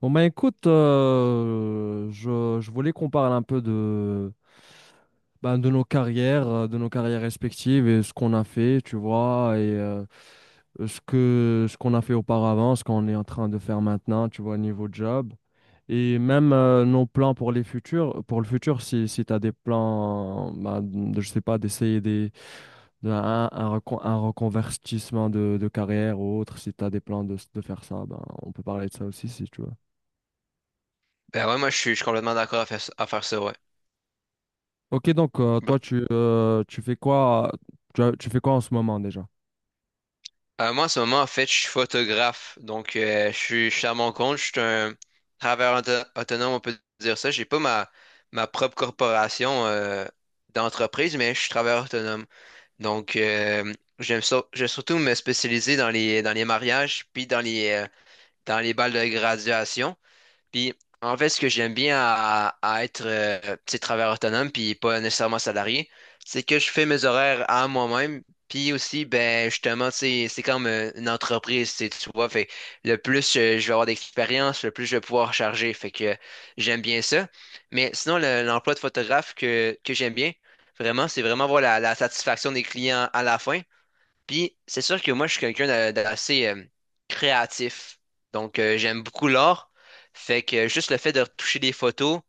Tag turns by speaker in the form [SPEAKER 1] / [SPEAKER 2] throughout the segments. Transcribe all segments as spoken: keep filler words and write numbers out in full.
[SPEAKER 1] Bon bah écoute, euh, je, je voulais qu'on parle un peu de, ben, de nos carrières, euh, de nos carrières respectives et ce qu'on a fait, tu vois, et euh, ce que ce qu'on a fait auparavant, ce qu'on est en train de faire maintenant, tu vois, niveau job. Et même euh, nos plans pour les futurs, pour le futur, si, si tu as des plans, ben, de- je sais pas, d'essayer des, de- un, un recon- un reconvertissement de, de carrière ou autre, si tu as des plans de, de faire ça, ben, on peut parler de ça aussi si tu veux.
[SPEAKER 2] Ben ouais, moi je suis, je suis complètement d'accord à faire, ça- à faire ça, ouais.
[SPEAKER 1] Ok, donc euh,
[SPEAKER 2] Bon.
[SPEAKER 1] toi, tu, euh, tu fais quoi, tu, as- tu fais quoi en ce moment déjà?
[SPEAKER 2] Euh, moi en ce moment, en fait, je suis photographe. Donc euh, je suis, je suis à mon compte, je suis un travailleur auto- autonome, on peut dire ça. J'ai pas ma, ma propre corporation euh, d'entreprise, mais je suis travailleur autonome. Donc euh, j'aime sur- j'aime surtout me spécialiser dans les dans les mariages puis dans les euh, dans les balles de graduation. Puis, en fait, ce que j'aime bien à, à être euh, petit travailleur autonome, puis pas nécessairement salarié, c'est que je fais mes horaires à moi-même. Puis aussi, ben justement, c'est c'est comme euh, une entreprise, tu sais, tu vois. Fait le plus euh, je vais avoir d'expérience, le plus je vais pouvoir charger. Fait que j'aime bien ça. Mais sinon, le- l'emploi de photographe que, que j'aime bien, vraiment, c'est vraiment voir la, la satisfaction des clients à la fin. Puis c'est sûr que moi, je suis quelqu'un d'a- d'assez euh, créatif. Donc, euh, j'aime beaucoup l'art. Fait que euh, juste le fait de retoucher des photos,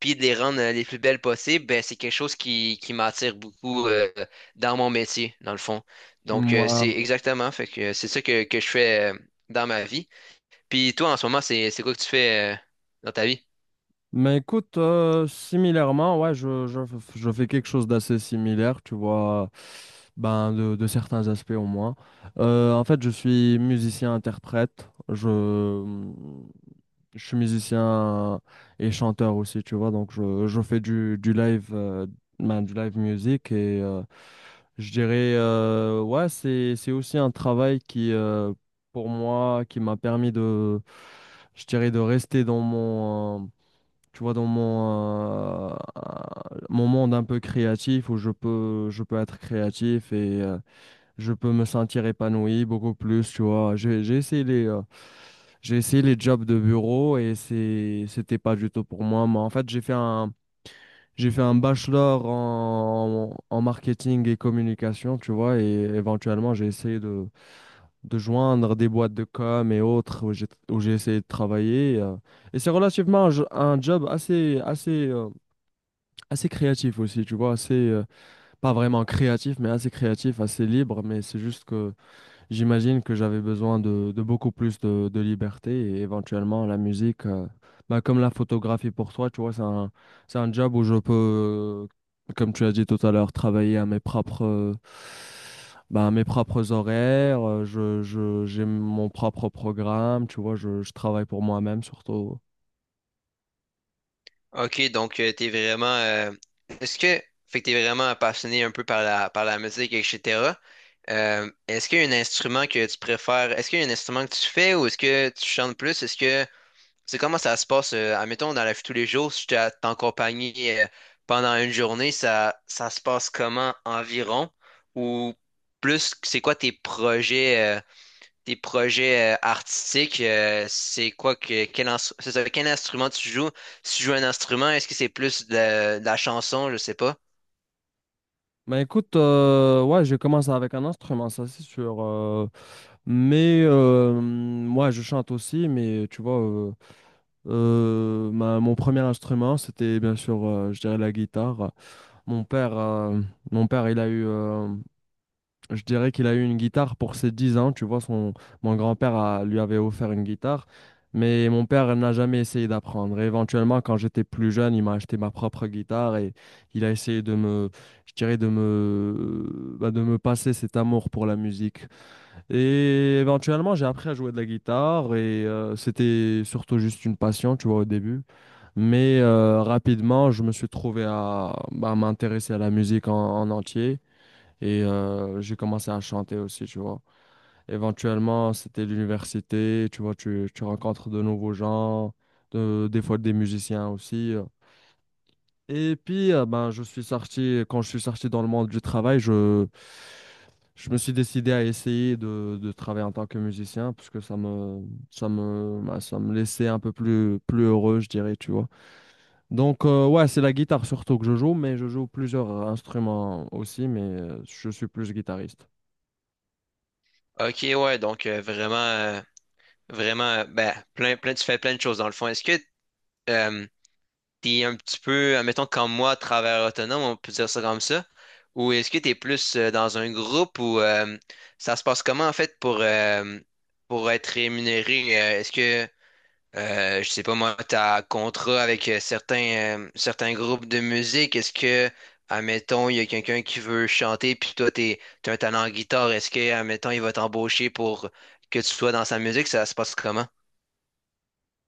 [SPEAKER 2] puis de les rendre euh, les plus belles possibles, ben, c'est quelque chose qui, qui m'attire beaucoup euh, dans mon métier, dans le fond. Donc, euh, c'est
[SPEAKER 1] Moi.
[SPEAKER 2] exactement. Fait que euh, c'est ça que, que je fais euh, dans ma vie. Puis toi, en ce moment, c'est, c'est quoi que tu fais euh, dans ta vie?
[SPEAKER 1] Mais écoute, euh, similairement, ouais, je, je, je fais quelque chose d'assez similaire, tu vois, ben de, de certains aspects au moins. Euh, en fait, je suis musicien-interprète. Je, je suis musicien et chanteur aussi, tu vois. Donc, je, je fais du, du live, euh, ben, du live music et euh, je dirais, euh, ouais, c'est, c'est aussi un travail qui, euh, pour moi, qui m'a permis de, je dirais, de rester dans mon, euh, tu vois, dans mon, euh, mon monde un peu créatif où je peux, je peux être créatif et euh, je peux me sentir épanoui beaucoup plus, tu vois. J'ai, j'ai essayé les, euh, j'ai essayé les jobs de bureau et c'est, c'était pas du tout pour moi. Mais en fait, j'ai fait un, j'ai fait un bachelor en, en marketing et communication, tu vois, et éventuellement, j'ai essayé de, de joindre des boîtes de com et autres où j'ai, où j'ai essayé de travailler. Euh, et c'est relativement un, jo- un job assez, assez, euh, assez créatif aussi, tu vois, assez, euh, pas vraiment créatif, mais assez créatif, assez libre, mais c'est juste que j'imagine que j'avais besoin de, de beaucoup plus de, de liberté et éventuellement la musique, euh, bah, comme la photographie pour toi, tu vois, c'est un, c'est un job où je peux, euh, comme tu as dit tout à l'heure, travailler à mes propres, euh, bah, à mes propres horaires, euh, je, je, j'ai mon propre programme, tu vois, je, je travaille pour moi-même surtout.
[SPEAKER 2] Ok, donc euh, t'es vraiment. Euh, est-ce que. Fait que t'es vraiment passionné un peu par la, par la musique, et cetera. Euh, est-ce qu'il y a un instrument que tu préfères? Est-ce qu'il y a un instrument que tu fais ou est-ce que tu chantes plus? Est-ce que. C'est comment ça se passe? Euh, admettons, dans la vie de tous les jours, si tu t'es accompagné euh, pendant une journée, ça, ça se passe comment environ? Ou plus, c'est quoi tes projets? Euh, tes projets euh, artistiques, euh, c'est quoi que quel, ins- c'est ça, quel instrument tu joues? Si tu joues un instrument, est-ce que c'est plus de la, de la chanson? Je sais pas.
[SPEAKER 1] Mais écoute, euh, ouais, j'ai commencé avec un instrument, ça c'est sûr. euh, Mais euh, moi, je chante aussi, mais tu vois, euh, euh, ma- mon premier instrument, c'était bien sûr, euh, je dirais, la guitare. Mon père, euh, Mon père, il a eu, euh, je dirais qu'il a eu une guitare pour ses dix ans. Tu vois, son, mon grand-père a- lui avait offert une guitare, mais mon père n'a jamais essayé d'apprendre. Et éventuellement, quand j'étais plus jeune, il m'a acheté ma propre guitare et il a essayé de me, je dirais, de me, bah, de me passer cet amour pour la musique. Et éventuellement, j'ai appris à jouer de la guitare et euh, c'était surtout juste une passion, tu vois, au début. Mais euh, rapidement, je me suis trouvé à bah, m'intéresser à la musique en, en entier et euh, j'ai commencé à chanter aussi, tu vois. Éventuellement, c'était l'université, tu vois, tu, tu rencontres de nouveaux gens, de- des fois des musiciens aussi. euh. Et puis, euh, ben, je suis sorti, quand je suis sorti dans le monde du travail, je, je me suis décidé à essayer de, de travailler en tant que musicien, parce que ça me, ça me, ben, ça me laissait un peu plus, plus heureux, je dirais, tu vois. Donc, euh, ouais, c'est la guitare surtout que je joue, mais je joue plusieurs instruments aussi, mais euh, je suis plus guitariste.
[SPEAKER 2] Ok, ouais, donc euh, vraiment, euh, vraiment, euh, ben, plein, plein, tu fais plein de choses dans le fond. Est-ce que euh, t'es un petit peu, admettons, comme moi, travailleur autonome, on peut dire ça comme ça, ou est-ce que t'es plus euh, dans un groupe ou euh, ça se passe comment en fait pour, euh, pour être rémunéré? Euh, est-ce que Euh, je sais pas moi, t'as contrat avec euh, certains, euh, certains groupes de musique. Est-ce que, admettons, il y a quelqu'un qui veut chanter, puis toi, t'es, t'as un talent en guitare. Est-ce que, admettons, il va t'embaucher pour que tu sois dans sa musique? Ça se passe comment?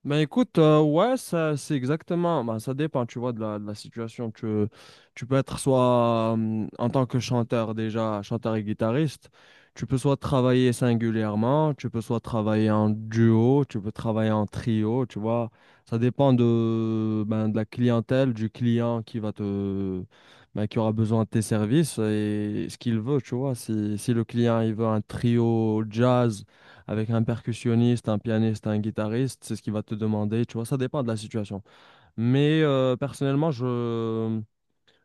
[SPEAKER 1] Ben écoute, euh, ouais, ça c'est exactement, ben, ça dépend, tu vois, de la, de la situation. Tu, tu peux être soit euh, en tant que chanteur déjà, chanteur et guitariste, tu peux soit travailler singulièrement, tu peux soit travailler en duo, tu peux travailler en trio, tu vois. Ça dépend de, ben, de la clientèle, du client qui va te, ben, qui aura besoin de tes services et ce qu'il veut, tu vois. Si, si le client il veut un trio jazz, avec un percussionniste, un pianiste, un guitariste, c'est ce qu'il va te demander, tu vois, ça dépend de la situation. Mais euh, personnellement, je,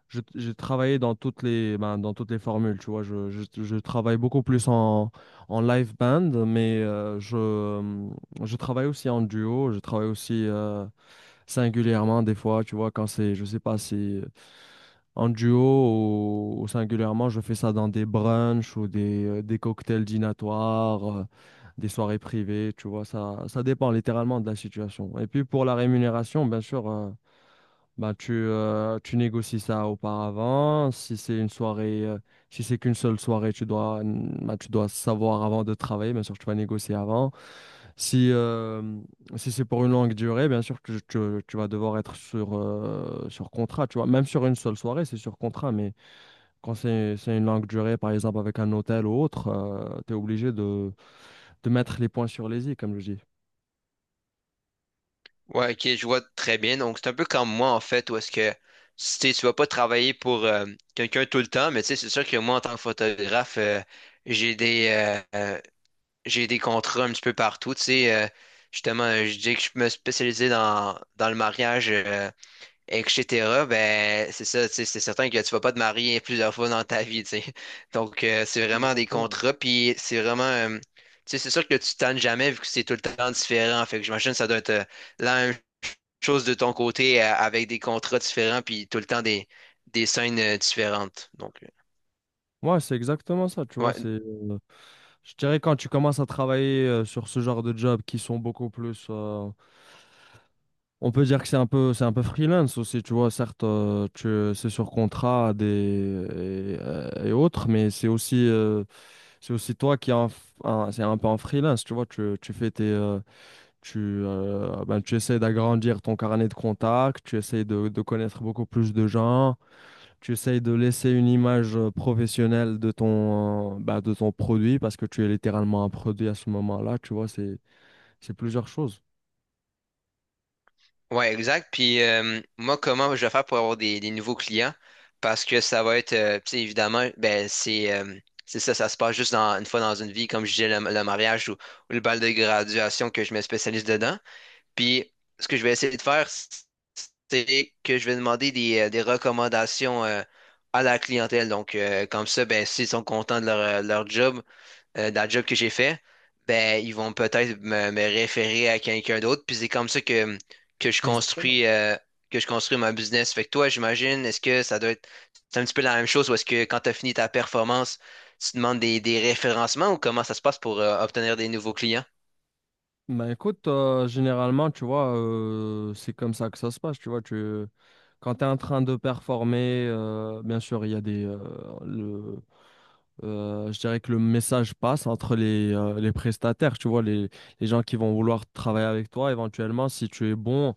[SPEAKER 1] je- j'ai travaillé dans toutes les, ben, dans toutes les formules, tu vois, je, je, je travaille beaucoup plus en, en live band, mais euh, je, je travaille aussi en duo, je travaille aussi euh, singulièrement des fois, tu vois, quand c'est, je sais pas si… En duo ou, ou singulièrement, je fais ça dans des brunchs ou des, euh, des cocktails dînatoires, euh, des soirées privées, tu vois, ça, ça dépend littéralement de la situation. Et puis pour la rémunération, bien sûr, euh, ben tu, euh, tu négocies ça auparavant. Si c'est une soirée, euh, si c'est qu'une seule soirée, tu dois, ben, tu dois savoir avant de travailler, bien sûr, tu vas négocier avant. Si, euh, Si c'est pour une longue durée, bien sûr que tu, tu- vas devoir être sur, euh, sur contrat, tu vois. Même sur une seule soirée, c'est sur contrat, mais quand c'est, c'est une longue durée, par exemple avec un hôtel ou autre, tu es obligé de, de mettre les points sur les i, comme je dis.
[SPEAKER 2] Ouais, ok, je vois très bien. Donc, c'est un peu comme moi, en fait, où est-ce que si t'es- tu vas pas travailler pour euh, quelqu'un tout le temps, mais tu sais, c'est sûr que moi, en tant que photographe, euh, j'ai des, euh, j'ai des contrats un petit peu partout. Tu sais, euh, justement, euh, je dis que je me spécialisais dans, dans le mariage, euh, et cetera. Ben, c'est ça, tu sais, c'est certain que tu vas pas te marier plusieurs fois dans ta vie, tu sais. Donc, euh, c'est vraiment des
[SPEAKER 1] Exactement.
[SPEAKER 2] contrats, puis c'est vraiment euh, tu sais, c'est sûr que tu te tannes jamais vu que c'est tout le temps différent. Fait que j'imagine que ça doit être euh, la même chose de ton côté euh, avec des contrats différents puis tout le temps des, des scènes euh, différentes. Donc, euh,
[SPEAKER 1] Ouais, c'est exactement ça, tu vois,
[SPEAKER 2] ouais.
[SPEAKER 1] c'est, euh, je dirais quand tu commences à travailler euh, sur ce genre de jobs qui sont beaucoup plus, euh, on peut dire que c'est un peu, c'est un peu freelance aussi, tu vois, certes, euh, tu, c'est sur contrat des, et, euh, et autres, mais c'est aussi, euh, c'est aussi toi qui es en f- en- c'est un peu en freelance, tu vois, tu, tu fais tes, euh, Tu, euh, ben, tu essaies d'agrandir ton carnet de contacts, tu essaies de, de connaître beaucoup plus de gens, tu essaies de laisser une image euh, professionnelle de ton, euh, ben, de ton produit parce que tu es littéralement un produit à ce moment-là, tu vois, c'est, c'est plusieurs choses.
[SPEAKER 2] Ouais, exact. Puis euh, moi, comment je vais faire pour avoir des, des nouveaux clients? Parce que ça va être, euh, tu sais, évidemment, ben c'est euh, c'est ça, ça se passe juste dans, une fois dans une vie, comme je disais, le, le mariage ou, ou le bal de graduation que je me spécialise dedans. Puis ce que je vais essayer de faire, c'est que je vais demander des, euh, des recommandations euh, à la clientèle. Donc, euh, comme ça, ben, s'ils sont contents de leur, euh, leur job, euh, dans le job que j'ai fait, ben, ils vont peut-être me, me référer à quelqu'un d'autre. Puis c'est comme ça que, que je
[SPEAKER 1] Exactement.
[SPEAKER 2] construis, euh, que je construis mon business. Fait que toi, j'imagine, est-ce que ça doit être c'est un petit peu la même chose ou est-ce que quand tu as fini ta performance, tu demandes des, des référencements ou comment ça se passe pour euh, obtenir des nouveaux clients?
[SPEAKER 1] Ben écoute, euh, généralement, tu vois, euh, c'est comme ça que ça se passe, tu vois, tu, quand tu es en train de performer, euh, bien sûr, il y a des, euh, le, euh, je dirais que le message passe entre les, euh, les prestataires, tu vois, les, les gens qui vont vouloir travailler avec toi, éventuellement, si tu es bon,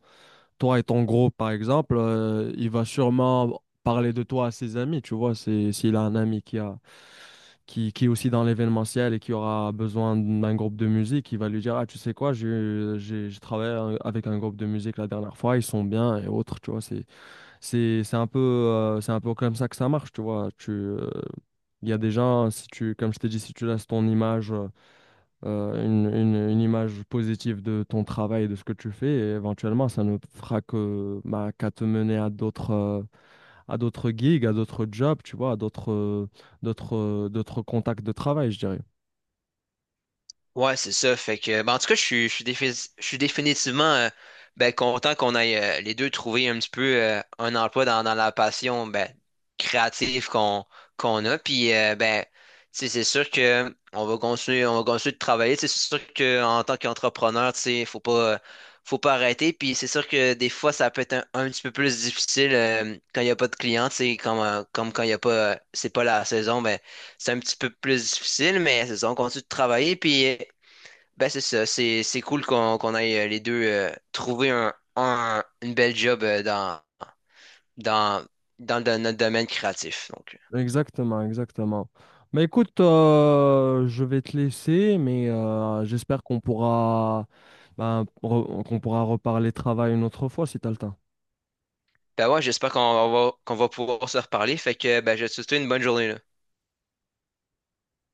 [SPEAKER 1] toi et ton groupe, par exemple, euh, il va sûrement parler de toi à ses amis, tu vois, c'est, s'il a un ami qui a, qui, qui est aussi dans l'événementiel et qui aura besoin d'un groupe de musique, il va lui dire, ah, tu sais quoi, j'ai, j'ai, j'ai travaillé un- avec un groupe de musique la dernière fois, ils sont bien et autres, tu vois, c'est, c'est, c'est un peu, euh, c'est un peu comme ça que ça marche, tu vois, tu, euh, il y a des gens, si tu, comme je t'ai dit, si tu laisses ton image, euh, euh, une, une- une image positive de ton travail, de ce que tu fais, et éventuellement, ça ne fera que, bah, qu'à te mener à d'autres, euh, à d'autres gigs, à d'autres jobs, tu vois, à d'autres euh, d'autres euh, d'autres contacts de travail, je dirais.
[SPEAKER 2] Ouais, c'est ça. Fait que, ben, en tout cas, je suis, je suis, défi- je suis définitivement euh, ben, content qu'on aille euh, les deux trouver un petit peu euh, un emploi dans, dans la passion ben, créative qu'on qu'on a. Puis, euh, ben, tu sais, c'est sûr que on va continuer, on va continuer de travailler. Tu sais, c'est sûr qu'en tant qu'entrepreneur, tu sais, faut pas, euh, faut pas arrêter. Puis, c'est sûr que des fois, ça peut être un, un petit peu plus difficile euh, quand il n'y a pas de clients. Tu sais, comme, euh, comme quand il n'y a pas, euh, c'est pas la saison, ben, c'est un petit peu plus difficile, mais c'est ça, on continue de travailler. Puis, ben c'est ça, c'est c'est cool qu'on qu'on aille euh, les deux euh, trouver un, un- une belle job euh, dans dans dans le- notre domaine créatif. Donc
[SPEAKER 1] Exactement, exactement. Mais écoute, euh, je vais te laisser, mais euh, j'espère qu'on pourra, bah, re- qu'on pourra reparler travail une autre fois si t'as le temps.
[SPEAKER 2] ben ouais, j'espère qu'on va qu'on va pouvoir se reparler. Fait que ben je te souhaite une bonne journée là.